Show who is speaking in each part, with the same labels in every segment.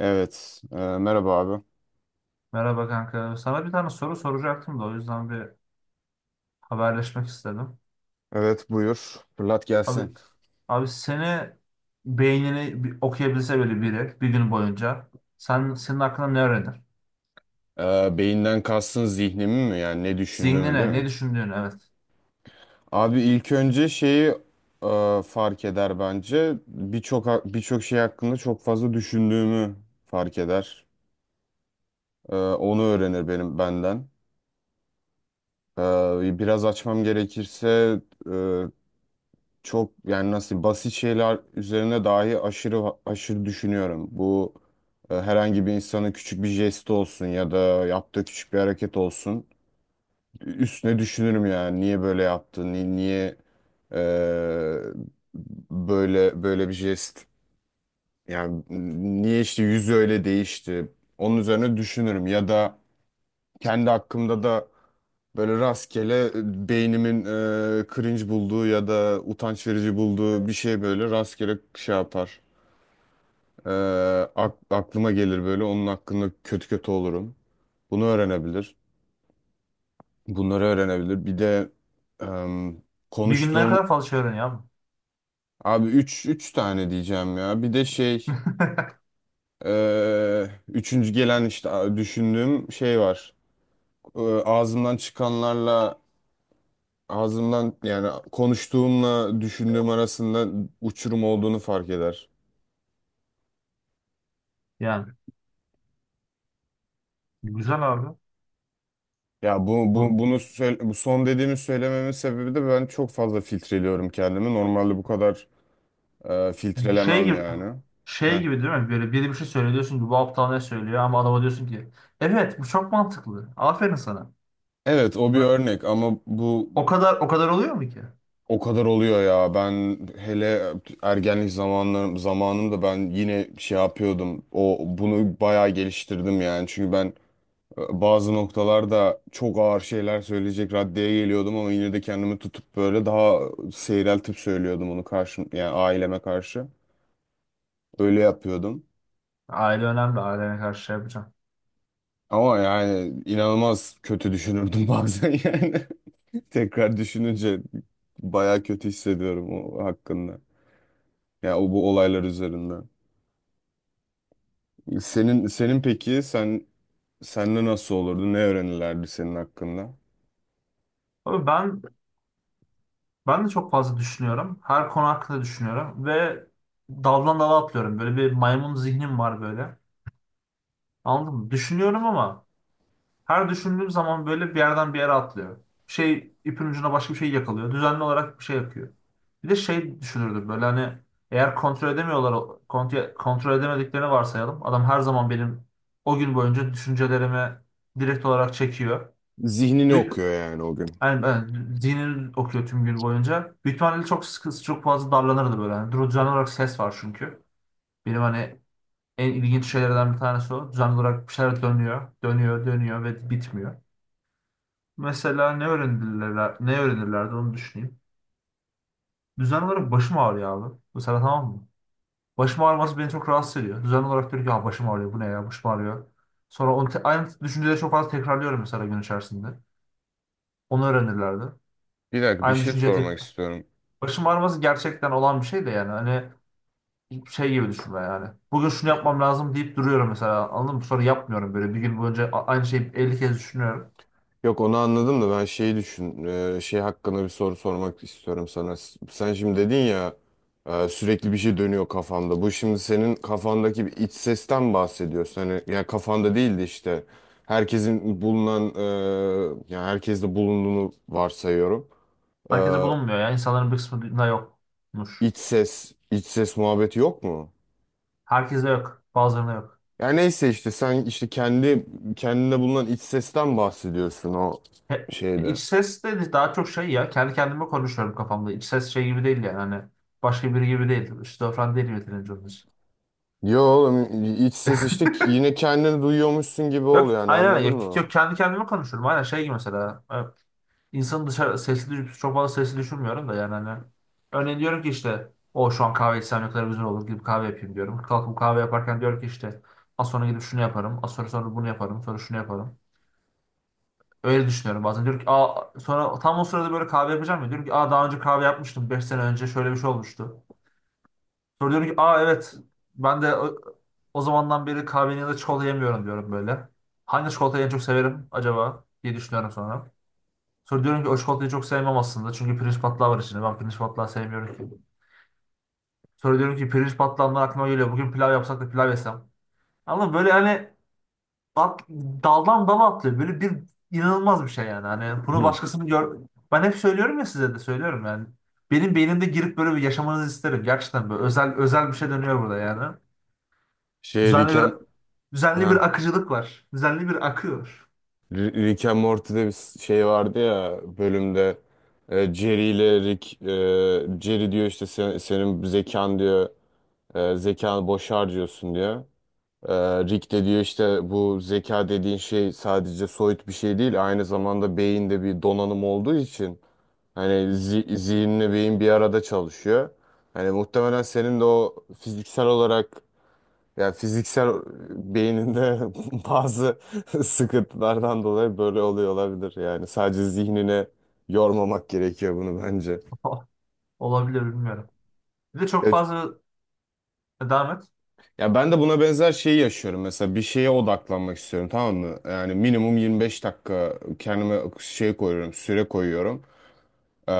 Speaker 1: Evet. Merhaba abi.
Speaker 2: Merhaba kanka. Sana bir tane soru soracaktım da o yüzden bir haberleşmek istedim.
Speaker 1: Evet, buyur. Fırlat gelsin.
Speaker 2: Abi abi, beynini bir okuyabilse böyle biri bir gün boyunca senin hakkında ne öğrenir?
Speaker 1: E, Beyinden kastın zihnimi mi? Yani ne düşündüğümü değil
Speaker 2: Zihnine ne
Speaker 1: mi?
Speaker 2: düşündüğünü, evet.
Speaker 1: Abi ilk önce şeyi fark eder bence. Birçok birçok şey hakkında çok fazla düşündüğümü fark eder. Onu öğrenir benden. Biraz açmam gerekirse e, çok yani nasıl basit şeyler üzerine dahi aşırı aşırı düşünüyorum. Bu herhangi bir insanın küçük bir jesti olsun ya da yaptığı küçük bir hareket olsun. Üstüne düşünürüm yani niye böyle yaptın niye e, böyle böyle bir jest yani niye işte yüzü öyle değişti. Onun üzerine düşünürüm ya da kendi hakkımda da böyle rastgele beynimin cringe bulduğu ya da utanç verici bulduğu bir şey böyle rastgele şey yapar. E, Aklıma gelir böyle, onun hakkında kötü kötü olurum. Bunu öğrenebilir. Bunları öğrenebilir. Bir de em,
Speaker 2: Bir günde ne
Speaker 1: konuştuğum
Speaker 2: kadar fazla şey öğreniyor abi.
Speaker 1: abi üç tane diyeceğim ya. Bir de şey üçüncü gelen işte düşündüğüm şey var. Ağzımdan çıkanlarla ağzımdan yani konuştuğumla düşündüğüm arasında uçurum olduğunu fark eder.
Speaker 2: Yani güzel abi.
Speaker 1: Ya bu
Speaker 2: Bu
Speaker 1: bu son dediğimi söylememin sebebi de ben çok fazla filtreliyorum kendimi. Normalde bu kadar
Speaker 2: şey
Speaker 1: filtrelemem
Speaker 2: gibi
Speaker 1: yani.
Speaker 2: şey
Speaker 1: Heh.
Speaker 2: gibi değil mi? Böyle biri bir şey söylüyor, diyorsun ki bu aptal ne söylüyor, ama adama diyorsun ki evet, bu çok mantıklı. Aferin sana.
Speaker 1: Evet, o bir
Speaker 2: O
Speaker 1: örnek ama bu
Speaker 2: o kadar oluyor mu ki?
Speaker 1: o kadar oluyor ya. Ben hele ergenlik zamanlarım zamanımda ben yine şey yapıyordum. O bunu bayağı geliştirdim yani. Çünkü ben bazı noktalarda çok ağır şeyler söyleyecek raddeye geliyordum ama yine de kendimi tutup böyle daha seyreltip söylüyordum, onu karşı yani aileme karşı. Öyle yapıyordum.
Speaker 2: Aile önemli. Ailene karşı şey yapacağım.
Speaker 1: Ama yani inanılmaz kötü düşünürdüm bazen yani. Tekrar düşününce bayağı kötü hissediyorum o hakkında. Ya o, bu olaylar üzerinden. Senin senin Peki sen senle nasıl olurdu? Ne öğrenirlerdi senin hakkında?
Speaker 2: Abi ben de çok fazla düşünüyorum. Her konu hakkında düşünüyorum ve daldan dala atlıyorum. Böyle bir maymun zihnim var böyle. Anladın mı? Düşünüyorum ama her düşündüğüm zaman böyle bir yerden bir yere atlıyor. Bir şey ipin ucuna başka bir şey yakalıyor. Düzenli olarak bir şey yapıyor. Bir de şey düşünürdüm böyle hani, eğer kontrol edemediklerini varsayalım. Adam her zaman benim o gün boyunca düşüncelerimi direkt olarak çekiyor.
Speaker 1: Zihnini
Speaker 2: Bir
Speaker 1: okuyor yani o gün.
Speaker 2: Yani ben zihnini okuyor tüm gün boyunca. Büyük ihtimalle çok sıkı, çok fazla darlanırdı böyle. Yani duru- düzenli olarak ses var çünkü. Benim hani en ilginç şeylerden bir tanesi o. Düzenli olarak bir şeyler dönüyor, dönüyor, dönüyor ve bitmiyor. Mesela ne öğrenirler, ne öğrenirlerdi, onu düşüneyim. Düzenli olarak başım ağrıyor abi. Mesela tamam mı? Başım ağrıması beni çok rahatsız ediyor. Düzenli olarak diyor ki ya başım ağrıyor, bu ne ya, başım ağrıyor. Sonra onu te- aynı düşünceleri çok fazla tekrarlıyorum mesela gün içerisinde. Onu öğrenirlerdi.
Speaker 1: Bir dakika, bir
Speaker 2: Aynı
Speaker 1: şey
Speaker 2: düşünceyi tek
Speaker 1: sormak istiyorum.
Speaker 2: Başım ağrıması gerçekten olan bir şey de, yani hani şey gibi düşünme yani. Bugün şunu yapmam lazım deyip duruyorum mesela, anladın mı? Sonra yapmıyorum, böyle bir gün boyunca aynı şeyi 50 kez düşünüyorum.
Speaker 1: Yok, onu anladım da ben şey hakkında bir soru sormak istiyorum sana. Sen şimdi dedin ya sürekli bir şey dönüyor kafamda. Bu şimdi senin kafandaki bir iç sesten bahsediyorsun. Hani ya, kafanda değildi işte. Ya, herkeste bulunduğunu varsayıyorum. E,
Speaker 2: Herkese bulunmuyor yani, insanların bir kısmında yokmuş.
Speaker 1: iç ses muhabbeti yok mu?
Speaker 2: Herkese yok, bazılarına yok.
Speaker 1: Yani neyse, işte sen işte kendi kendinde bulunan iç sesten bahsediyorsun o
Speaker 2: He,
Speaker 1: şeyde.
Speaker 2: iç ses de daha çok şey, ya kendi kendime konuşuyorum kafamda. İç ses şey gibi değil yani, hani başka biri gibi değil. Şizofren değil yeterince onun için.
Speaker 1: Yo oğlum, iç ses işte yine kendini duyuyormuşsun gibi
Speaker 2: Yok
Speaker 1: ol yani,
Speaker 2: aynen,
Speaker 1: anladın
Speaker 2: yok,
Speaker 1: mı?
Speaker 2: yok, kendi kendime konuşuyorum aynen, şey gibi mesela. Evet. İnsanın dışarı sesli çok fazla sesi düşürmüyorum da yani hani, örneğin diyorum ki işte o şu an kahve içsem ne kadar güzel olur gibi, kahve yapayım diyorum. Kalkıp kahve yaparken diyorum ki işte az sonra gidip şunu yaparım. Az sonra bunu yaparım. Sonra şunu yaparım. Öyle düşünüyorum bazen. Diyorum ki aa, sonra tam o sırada böyle kahve yapacağım ya. Diyorum ki aa, daha önce kahve yapmıştım. 5 sene önce şöyle bir şey olmuştu. Sonra diyorum ki aa evet, ben de o zamandan beri kahvenin ya da çikolata yemiyorum diyorum böyle. Hangi çikolatayı en çok severim acaba diye düşünüyorum sonra. Sonra diyorum ki o çikolatayı çok sevmem aslında. Çünkü pirinç patlağı var içinde. Ben pirinç patlağı sevmiyorum ki. Sonra diyorum ki pirinç patlağından aklıma geliyor. Bugün pilav yapsak da pilav yesem. Ama böyle hani at- daldan dala atlıyor. Böyle bir inanılmaz bir şey yani. Hani bunu
Speaker 1: Hı.
Speaker 2: başkasını gör... Ben hep söylüyorum ya, size de söylüyorum yani. Benim beynimde girip böyle bir yaşamanızı isterim. Gerçekten böyle özel özel bir şey dönüyor burada yani.
Speaker 1: Şey
Speaker 2: Düzenli
Speaker 1: Rick
Speaker 2: bir
Speaker 1: and,
Speaker 2: düzenli bir
Speaker 1: ha,
Speaker 2: akıcılık var. Düzenli bir akıyor.
Speaker 1: Rick and Morty'de bir şey vardı ya bölümde, Jerry ile Rick, Jerry diyor işte senin zekan diyor, zekanı boş harcıyorsun diyor. E, Rick de diyor işte bu zeka dediğin şey sadece soyut bir şey değil, aynı zamanda beyinde bir donanım olduğu için hani zihinle beyin bir arada çalışıyor. Hani muhtemelen senin de o fiziksel olarak yani fiziksel beyninde bazı sıkıntılardan dolayı böyle oluyor olabilir. Yani sadece zihnine yormamak gerekiyor bunu bence.
Speaker 2: Olabilir, bilmiyorum. Bir de çok
Speaker 1: Ya,
Speaker 2: fazla, devam et.
Speaker 1: Ya ben de buna benzer şeyi yaşıyorum. Mesela bir şeye odaklanmak istiyorum, tamam mı? Yani minimum 25 dakika kendime şey koyuyorum, süre koyuyorum. Ee,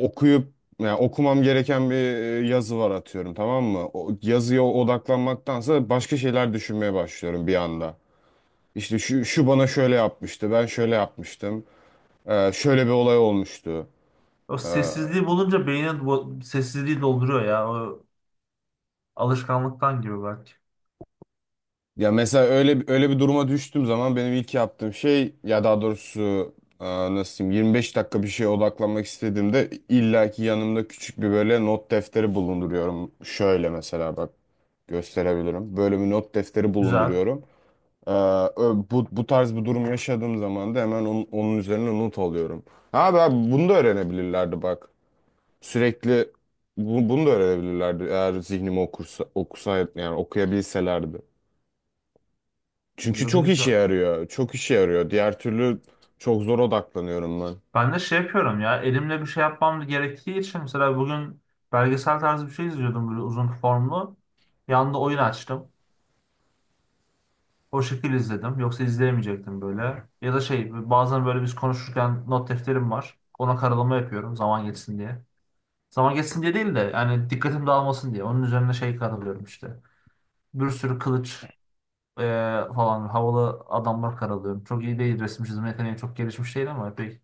Speaker 1: Okuyup yani okumam gereken bir yazı var atıyorum, tamam mı? O yazıya odaklanmaktansa başka şeyler düşünmeye başlıyorum bir anda. İşte şu bana şöyle yapmıştı, ben şöyle yapmıştım. Şöyle bir olay olmuştu.
Speaker 2: O sessizliği bulunca beynin sessizliği dolduruyor ya. O alışkanlıktan gibi belki.
Speaker 1: Ya mesela öyle bir duruma düştüğüm zaman benim ilk yaptığım şey, ya daha doğrusu e, nasıl diyeyim, 25 dakika bir şeye odaklanmak istediğimde illaki yanımda küçük bir böyle not defteri bulunduruyorum. Şöyle mesela bak, gösterebilirim. Böyle bir not defteri
Speaker 2: Güzel.
Speaker 1: bulunduruyorum. E, Bu tarz bir durum yaşadığım zaman da hemen onun üzerine not alıyorum. Abi, bunu da öğrenebilirlerdi bak. Sürekli bunu da öğrenebilirlerdi, eğer zihnimi okusaydı yani okuyabilselerdi. Çünkü
Speaker 2: Güzel,
Speaker 1: çok işe
Speaker 2: güzel.
Speaker 1: yarıyor. Çok işe yarıyor. Diğer türlü çok zor odaklanıyorum ben.
Speaker 2: Ben de şey yapıyorum ya. Elimle bir şey yapmam gerektiği için mesela bugün belgesel tarzı bir şey izliyordum böyle, uzun formlu. Yanında oyun açtım. O şekil izledim. Yoksa izleyemeyecektim böyle. Ya da şey, bazen böyle biz konuşurken not defterim var. Ona karalama yapıyorum zaman geçsin diye. Zaman geçsin diye değil de yani, dikkatim dağılmasın diye. Onun üzerine şey karalıyorum işte. Bir sürü kılıç Ee, falan havalı adamlar karalıyorum. Çok iyi değil, resim çizme yeteneği çok gelişmiş değil, ama epey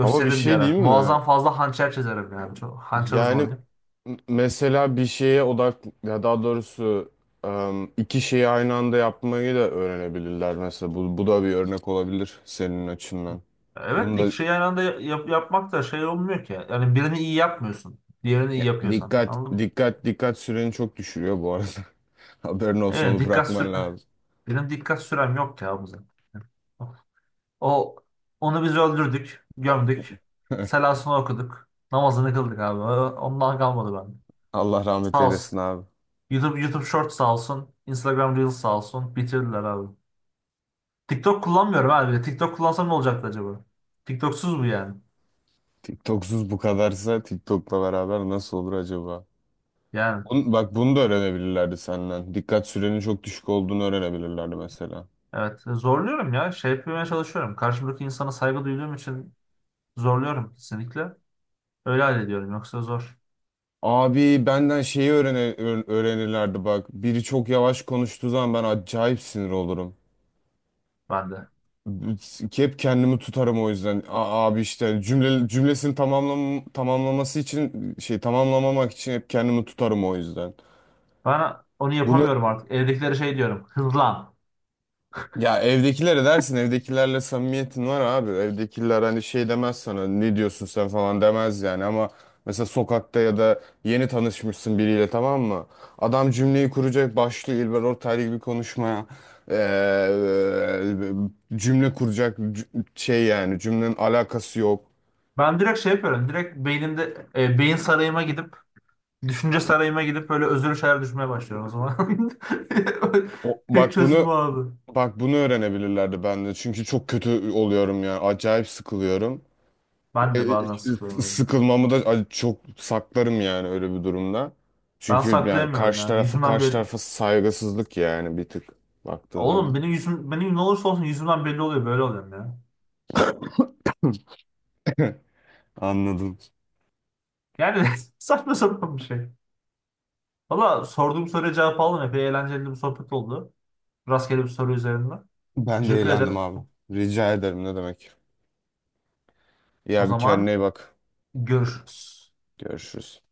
Speaker 1: Ama bir
Speaker 2: bir
Speaker 1: şey
Speaker 2: ara.
Speaker 1: diyeyim mi?
Speaker 2: Muazzam fazla hançer çizerim yani. Çok hançer
Speaker 1: Yani
Speaker 2: uzmanıyım.
Speaker 1: mesela bir şeye odak ya daha doğrusu iki şeyi aynı anda yapmayı da öğrenebilirler mesela. Bu da bir örnek olabilir senin açından.
Speaker 2: Evet de
Speaker 1: Bunda
Speaker 2: iki şeyi aynı anda yapmak da şey olmuyor ki. Yani birini iyi yapmıyorsun. Diğerini iyi
Speaker 1: ya
Speaker 2: yapıyorsan. Anladın mı?
Speaker 1: dikkat süreni çok düşürüyor bu arada. Haberin olsun,
Speaker 2: Evet,
Speaker 1: onu
Speaker 2: dikkat
Speaker 1: bırakman
Speaker 2: sür
Speaker 1: lazım.
Speaker 2: benim dikkat sürem yok ya bu, zaten. O onu biz öldürdük, gömdük. Selasını okuduk. Namazını kıldık abi. Ondan kalmadı bende.
Speaker 1: Allah rahmet
Speaker 2: Sağ olsun.
Speaker 1: eylesin abi.
Speaker 2: YouTube Shorts sağ olsun. Instagram Reels sağ olsun. Bitirdiler abi. TikTok kullanmıyorum abi. TikTok kullansam ne olacaktı acaba? TikToksuz bu yani.
Speaker 1: TikToksuz bu kadarsa TikTok'la beraber nasıl olur acaba?
Speaker 2: Yani
Speaker 1: Bak bunu da öğrenebilirlerdi senden. Dikkat sürenin çok düşük olduğunu öğrenebilirlerdi mesela.
Speaker 2: evet, zorluyorum ya. Şey yapmaya çalışıyorum. Karşımdaki insana saygı duyduğum için zorluyorum kesinlikle. Öyle hallediyorum. Yoksa zor
Speaker 1: Abi benden öğrenirlerdi bak. Biri çok yavaş konuştuğu zaman ben acayip sinir olurum.
Speaker 2: bende.
Speaker 1: B- Hep kendimi tutarım o yüzden. Abi işte cümlesini tamamlaması için şey, tamamlamamak için hep kendimi tutarım o yüzden.
Speaker 2: Bana, onu
Speaker 1: Bunu
Speaker 2: yapamıyorum artık. Evdekilere şey diyorum. Hızlan.
Speaker 1: Ya evdekilere dersin, evdekilerle samimiyetin var abi. Evdekiler hani şey demez sana, ne diyorsun sen falan demez yani ama mesela sokakta ya da yeni tanışmışsın biriyle, tamam mı? Adam cümleyi kuracak, başlıyor İlber Ortaylı gibi konuşmaya. Cümle kuracak şey, yani cümlenin alakası yok.
Speaker 2: Ben direkt şey yapıyorum. Direkt beynimde e, beyin sarayıma gidip düşünce sarayıma gidip böyle özür şeyler düşünmeye başlıyorum o zaman.
Speaker 1: O,
Speaker 2: Tek
Speaker 1: bak
Speaker 2: çözüm o
Speaker 1: bunu
Speaker 2: abi.
Speaker 1: Bak bunu öğrenebilirlerdi ben de, çünkü çok kötü oluyorum ya, acayip sıkılıyorum.
Speaker 2: Ben de bazen sıkılıyorum öyle.
Speaker 1: Sıkılmamı da çok saklarım yani öyle bir durumda.
Speaker 2: Ben
Speaker 1: Çünkü yani
Speaker 2: saklayamıyorum ya. Yüzümden
Speaker 1: karşı
Speaker 2: belli.
Speaker 1: tarafa saygısızlık yani bir tık baktığın
Speaker 2: Oğlum,
Speaker 1: zaman.
Speaker 2: benim yüzüm, benim ne olursa olsun yüzümden belli oluyor, böyle oluyorum ya.
Speaker 1: Anladım.
Speaker 2: Yani saçma sapan bir şey. Valla sorduğum soruya cevap aldım. Epey eğlenceli bir sohbet oldu. Rastgele bir soru üzerinden.
Speaker 1: Ben de
Speaker 2: Teşekkür
Speaker 1: eğlendim
Speaker 2: ederim.
Speaker 1: abi. Rica ederim, ne demek.
Speaker 2: O
Speaker 1: Ya bir kendine
Speaker 2: zaman
Speaker 1: iyi bak.
Speaker 2: görüşürüz.
Speaker 1: Görüşürüz.